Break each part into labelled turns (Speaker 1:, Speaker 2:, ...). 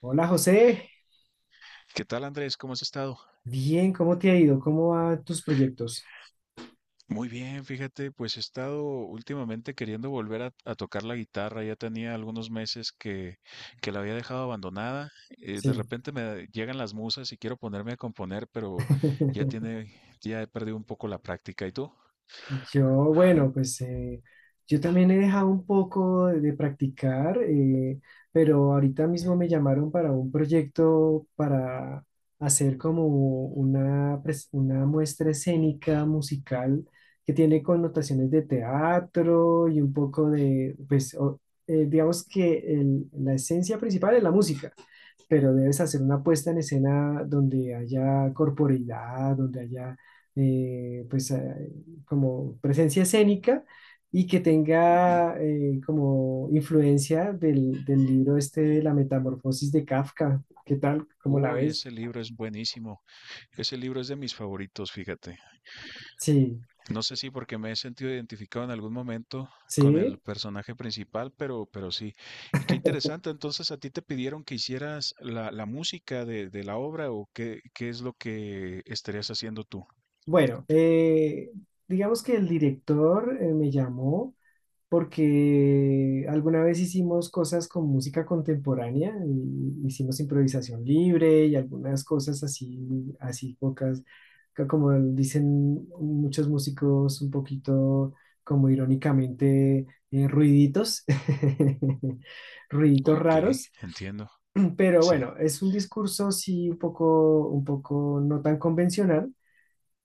Speaker 1: Hola José,
Speaker 2: ¿Qué tal, Andrés? ¿Cómo has estado?
Speaker 1: bien, ¿cómo te ha ido? ¿Cómo van tus proyectos?
Speaker 2: Muy bien, fíjate, pues he estado últimamente queriendo volver a tocar la guitarra. Ya tenía algunos meses que la había dejado abandonada. De
Speaker 1: Sí,
Speaker 2: repente me llegan las musas y quiero ponerme a componer, pero ya tiene, ya he perdido un poco la práctica. ¿Y tú?
Speaker 1: yo, bueno, pues yo también he dejado un poco de practicar, pero ahorita mismo me llamaron para un proyecto para hacer como una, una muestra escénica musical que tiene connotaciones de teatro y un poco de, pues, digamos que la esencia principal es la música. Pero debes hacer una puesta en escena donde haya corporeidad, donde haya eh, pues eh, como presencia escénica y que tenga como influencia del libro este de La Metamorfosis de Kafka. ¿Qué tal? ¿Cómo la
Speaker 2: Uy,
Speaker 1: ves?
Speaker 2: ese libro es buenísimo. Ese libro es de mis favoritos, fíjate.
Speaker 1: Sí,
Speaker 2: No sé si porque me he sentido identificado en algún momento con el
Speaker 1: sí.
Speaker 2: personaje principal, pero sí. Y qué interesante, entonces a ti te pidieron que hicieras la música de la obra o qué es lo que estarías haciendo tú.
Speaker 1: Bueno, digamos que el director me llamó porque alguna vez hicimos cosas con música contemporánea, y hicimos improvisación libre y algunas cosas así, así pocas, como dicen muchos músicos, un poquito como irónicamente ruiditos, ruiditos
Speaker 2: Ok,
Speaker 1: raros,
Speaker 2: entiendo.
Speaker 1: pero
Speaker 2: Sí,
Speaker 1: bueno, es un discurso sí un poco no tan convencional,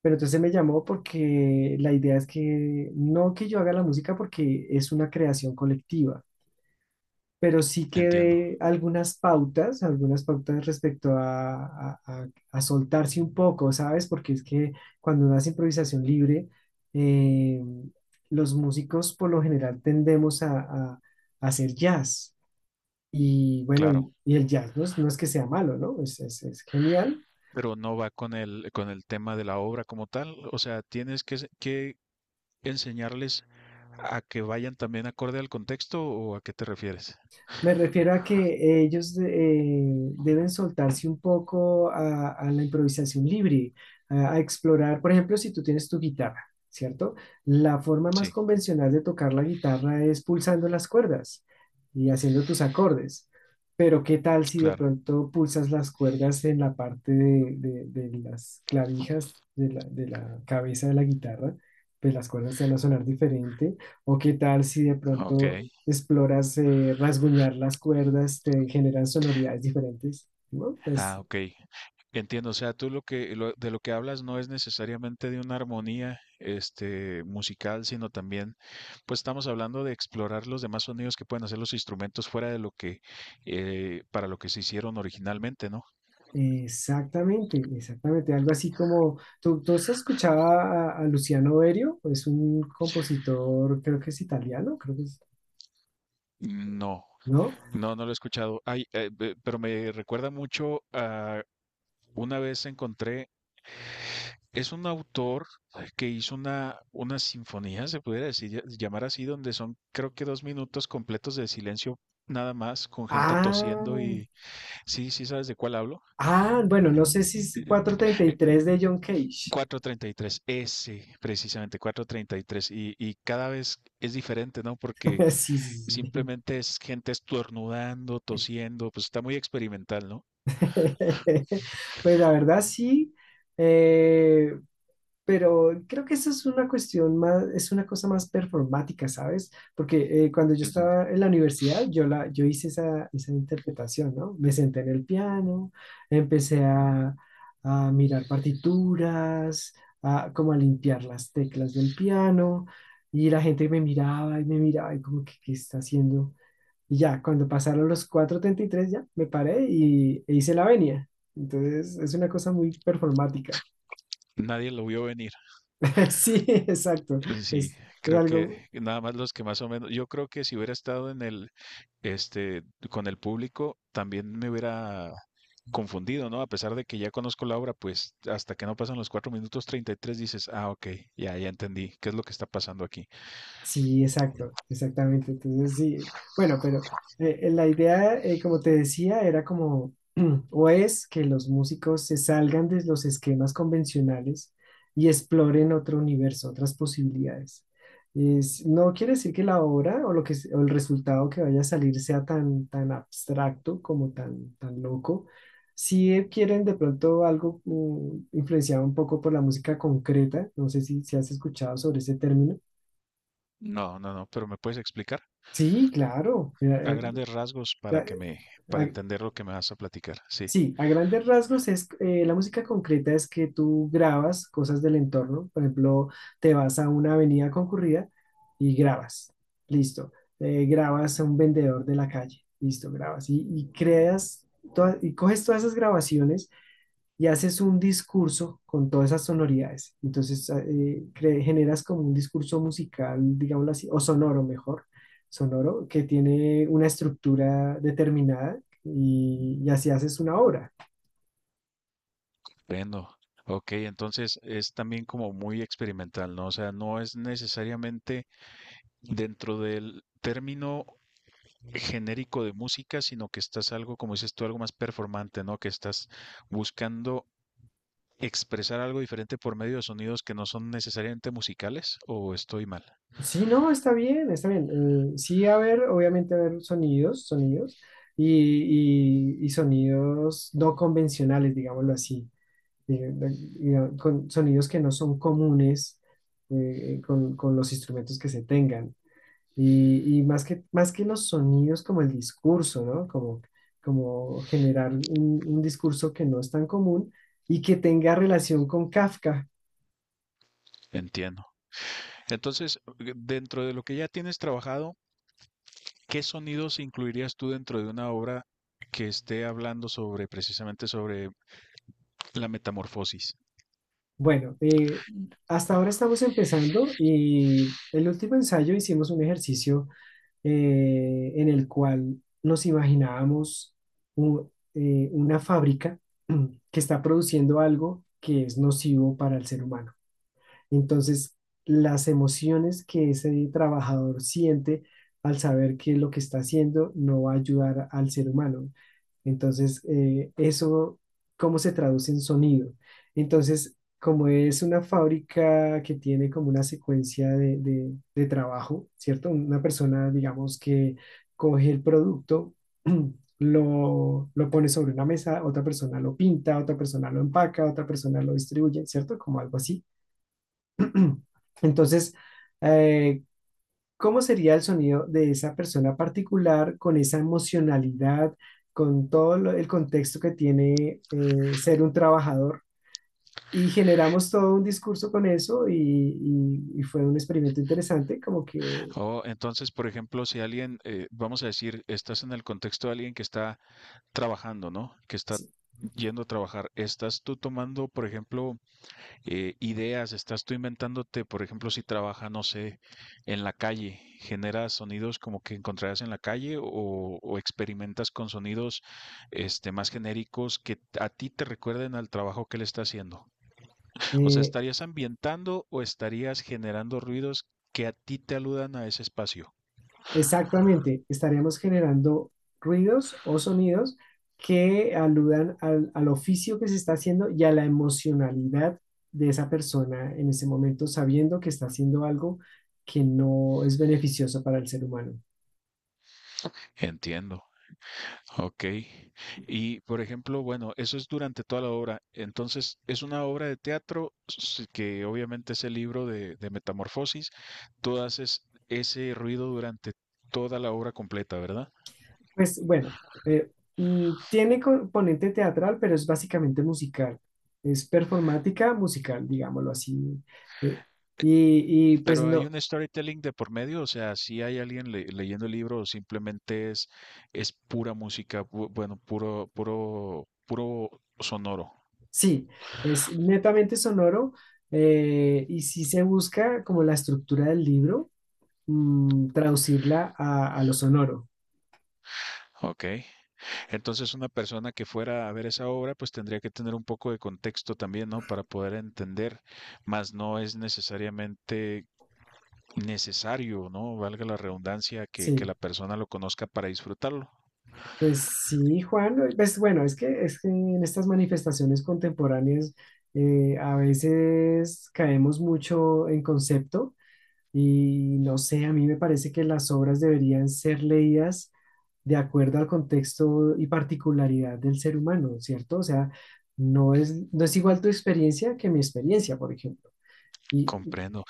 Speaker 1: pero entonces me llamó porque la idea es que no que yo haga la música porque es una creación colectiva, pero sí que
Speaker 2: entiendo.
Speaker 1: dé algunas pautas respecto a, a- a- a soltarse un poco, ¿sabes? Porque es que cuando uno hace improvisación libre, eh, los músicos por lo general tendemos a, a hacer jazz. Y bueno,
Speaker 2: Claro.
Speaker 1: y el jazz no es, no es que sea malo, ¿no? Es es genial.
Speaker 2: Pero no va con el tema de la obra como tal. O sea, tienes que enseñarles a que vayan también acorde al contexto o a qué te refieres.
Speaker 1: Me refiero a que ellos deben soltarse un poco a la improvisación libre, a explorar, por ejemplo, si tú tienes tu guitarra, ¿cierto? La forma más
Speaker 2: Sí,
Speaker 1: convencional de tocar la guitarra es pulsando las cuerdas y haciendo tus acordes, pero ¿qué tal si de
Speaker 2: claro.
Speaker 1: pronto pulsas las cuerdas en la parte de, de las clavijas de la cabeza de la guitarra? Pues las cuerdas te van a sonar diferente. ¿O qué tal si de
Speaker 2: Ok.
Speaker 1: pronto exploras rasguñar las cuerdas, te generan sonoridades diferentes? Bueno, pues
Speaker 2: Ah, ok. Entiendo, o sea, tú de lo que hablas no es necesariamente de una armonía este musical, sino también pues estamos hablando de explorar los demás sonidos que pueden hacer los instrumentos fuera de lo que para lo que se hicieron originalmente, ¿no?
Speaker 1: exactamente, exactamente. Algo así como, ¿tú, tú has escuchado a Luciano Berio? Es un compositor, creo que es italiano, creo que es,
Speaker 2: No,
Speaker 1: ¿no?
Speaker 2: no, no lo he escuchado. Ay, pero me recuerda mucho a una vez encontré. Es un autor que hizo una sinfonía, se pudiera decir, llamar así, donde son creo que 2 minutos completos de silencio nada más, con gente
Speaker 1: Ah,
Speaker 2: tosiendo y sí, sí sabes de cuál hablo.
Speaker 1: ah, bueno, no sé si es 4'33" de John Cage.
Speaker 2: Cuatrocientos treinta y tres ese, precisamente, 433. Y, tres. Y cada vez es diferente, ¿no? Porque
Speaker 1: Sí, sí, sí.
Speaker 2: simplemente es gente estornudando, tosiendo, pues está muy experimental, ¿no?
Speaker 1: Pues la verdad sí. Eh, Pero creo que eso es una cuestión más, es una cosa más performática, ¿sabes? Porque cuando yo
Speaker 2: Ujú.
Speaker 1: estaba en la universidad, yo, la, yo hice esa, esa interpretación, ¿no? Me senté en el piano, empecé a mirar partituras, a, como a limpiar las teclas del piano, y la gente me miraba y como que, ¿qué está haciendo? Y ya, cuando pasaron los 4'33" ya me paré y, e hice la venia. Entonces, es una cosa muy performática.
Speaker 2: Nadie lo vio venir.
Speaker 1: Sí, exacto.
Speaker 2: Sí,
Speaker 1: Es, es
Speaker 2: creo que
Speaker 1: algo.
Speaker 2: nada más los que más o menos, yo creo que si hubiera estado en el, este, con el público, también me hubiera confundido, ¿no? A pesar de que ya conozco la obra, pues hasta que no pasan los 4 minutos 33 dices, ah, ok, ya, ya entendí. ¿Qué es lo que está pasando aquí?
Speaker 1: Sí, exacto, exactamente. Entonces, sí, bueno, pero la idea, como te decía, era como, o es que los músicos se salgan de los esquemas convencionales y exploren otro universo, otras posibilidades. No quiere decir que la obra o, lo que, o el resultado que vaya a salir sea tan, tan abstracto como tan, tan loco. Si quieren de pronto algo influenciado un poco por la música concreta, no sé si, si has escuchado sobre ese término.
Speaker 2: No, no, no, pero ¿me puedes explicar
Speaker 1: Sí, claro.
Speaker 2: a grandes rasgos
Speaker 1: Eh, a- a-
Speaker 2: para
Speaker 1: eh,
Speaker 2: entender lo que me vas a platicar? Sí.
Speaker 1: sí, a grandes rasgos es la música concreta es que tú grabas cosas del entorno. Por ejemplo, te vas a una avenida concurrida y grabas. Listo. Grabas a un vendedor de la calle. Listo, grabas. Y creas y coges todas esas grabaciones y haces un discurso con todas esas sonoridades. Entonces, ah, generas como un discurso musical, digámoslo así, o sonoro mejor, sonoro, que tiene una estructura determinada y así haces una obra.
Speaker 2: Bueno, ok, entonces es también como muy experimental, ¿no? O sea, no es necesariamente dentro del término genérico de música, sino que estás algo, como dices tú, algo más performante, ¿no? Que estás buscando expresar algo diferente por medio de sonidos que no son necesariamente musicales, o estoy mal,
Speaker 1: Sí, no, está bien, está bien. Sí, a ver, obviamente, a ver sonidos, sonidos y, y sonidos no convencionales, digámoslo así, eh, digamos, con sonidos que no son comunes con los instrumentos que se tengan. Y más que los sonidos, como el discurso, ¿no? Como, como generar un discurso que no es tan común y que tenga relación con Kafka.
Speaker 2: entiendo. Entonces, dentro de lo que ya tienes trabajado, ¿qué sonidos incluirías tú dentro de una obra que esté hablando sobre precisamente sobre la metamorfosis?
Speaker 1: Bueno, hasta ahora estamos empezando y el último ensayo hicimos un ejercicio en el cual nos imaginábamos una fábrica que está produciendo algo que es nocivo para el ser humano. Entonces, las emociones que ese trabajador siente al saber que lo que está haciendo no va a ayudar al ser humano. Entonces, eso, ¿cómo se traduce en sonido? Entonces, como es una fábrica que tiene como una secuencia de, de trabajo, ¿cierto? Una persona, digamos, que coge el producto, lo pone sobre una mesa, otra persona lo pinta, otra persona lo empaca, otra persona lo distribuye, ¿cierto? Como algo así. Entonces, eh, ¿cómo sería el sonido de esa persona particular con esa emocionalidad, con todo el contexto que tiene ser un trabajador? Y generamos todo un discurso con eso y, y fue un experimento interesante, como que
Speaker 2: O entonces, por ejemplo, si alguien, vamos a decir, estás en el contexto de alguien que está trabajando, ¿no? Que está yendo a trabajar. Estás tú tomando, por ejemplo, ideas, estás tú inventándote, por ejemplo, si trabaja, no sé, en la calle, generas sonidos como que encontrarás en la calle o experimentas con sonidos este, más genéricos que a ti te recuerden al trabajo que le está haciendo. O sea,
Speaker 1: eh,
Speaker 2: ¿estarías ambientando o estarías generando ruidos que a ti te aludan a ese espacio?
Speaker 1: exactamente, estaríamos generando ruidos o sonidos que aludan al, al oficio que se está haciendo y a la emocionalidad de esa persona en ese momento, sabiendo que está haciendo algo que no es beneficioso para el ser humano.
Speaker 2: Entiendo. Ok. Y por ejemplo, bueno, eso es durante toda la obra. Entonces, es una obra de teatro que obviamente es el libro de Metamorfosis. Tú haces ese ruido durante toda la obra completa, ¿verdad?
Speaker 1: Pues bueno, eh, tiene componente teatral, pero es básicamente musical. Es performática musical, digámoslo así. Eh, y, pues
Speaker 2: Pero hay
Speaker 1: no,
Speaker 2: un storytelling de por medio, o sea, si hay alguien leyendo el libro o simplemente es pura música, bueno, puro, puro, puro sonoro.
Speaker 1: sí, es netamente sonoro, y sí se busca como la estructura del libro, mm, traducirla a lo sonoro.
Speaker 2: Ok. Entonces, una persona que fuera a ver esa obra, pues tendría que tener un poco de contexto también, ¿no? Para poder entender, más no es necesariamente necesario, ¿no? Valga la redundancia, que
Speaker 1: Sí,
Speaker 2: la persona lo conozca para disfrutarlo.
Speaker 1: pues sí, Juan, pues bueno, es que en estas manifestaciones contemporáneas a veces caemos mucho en concepto y no sé, a mí me parece que las obras deberían ser leídas de acuerdo al contexto y particularidad del ser humano, ¿cierto? O sea, no es, no es igual tu experiencia que mi experiencia, por ejemplo. Y-
Speaker 2: Comprendo.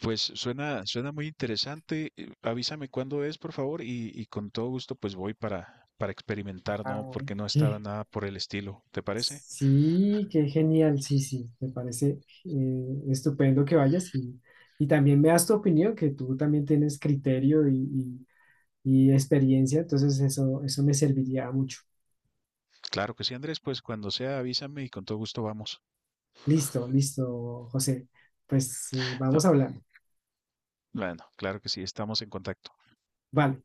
Speaker 2: Pues suena muy interesante. Avísame cuándo es, por favor, y con todo gusto, pues voy para experimentar, ¿no?
Speaker 1: ah,
Speaker 2: Porque no estaba
Speaker 1: ¿qué?
Speaker 2: nada por el estilo. ¿Te parece?
Speaker 1: Sí, qué genial, sí, sí, me parece estupendo que vayas y también me das tu opinión, que tú también tienes criterio y, y experiencia, entonces eso me serviría mucho.
Speaker 2: Claro que sí, Andrés, pues cuando sea avísame y con todo gusto vamos.
Speaker 1: Listo, listo, José. Pues
Speaker 2: Ah,
Speaker 1: vamos hablando.
Speaker 2: bueno, claro que sí, estamos en contacto.
Speaker 1: Vale.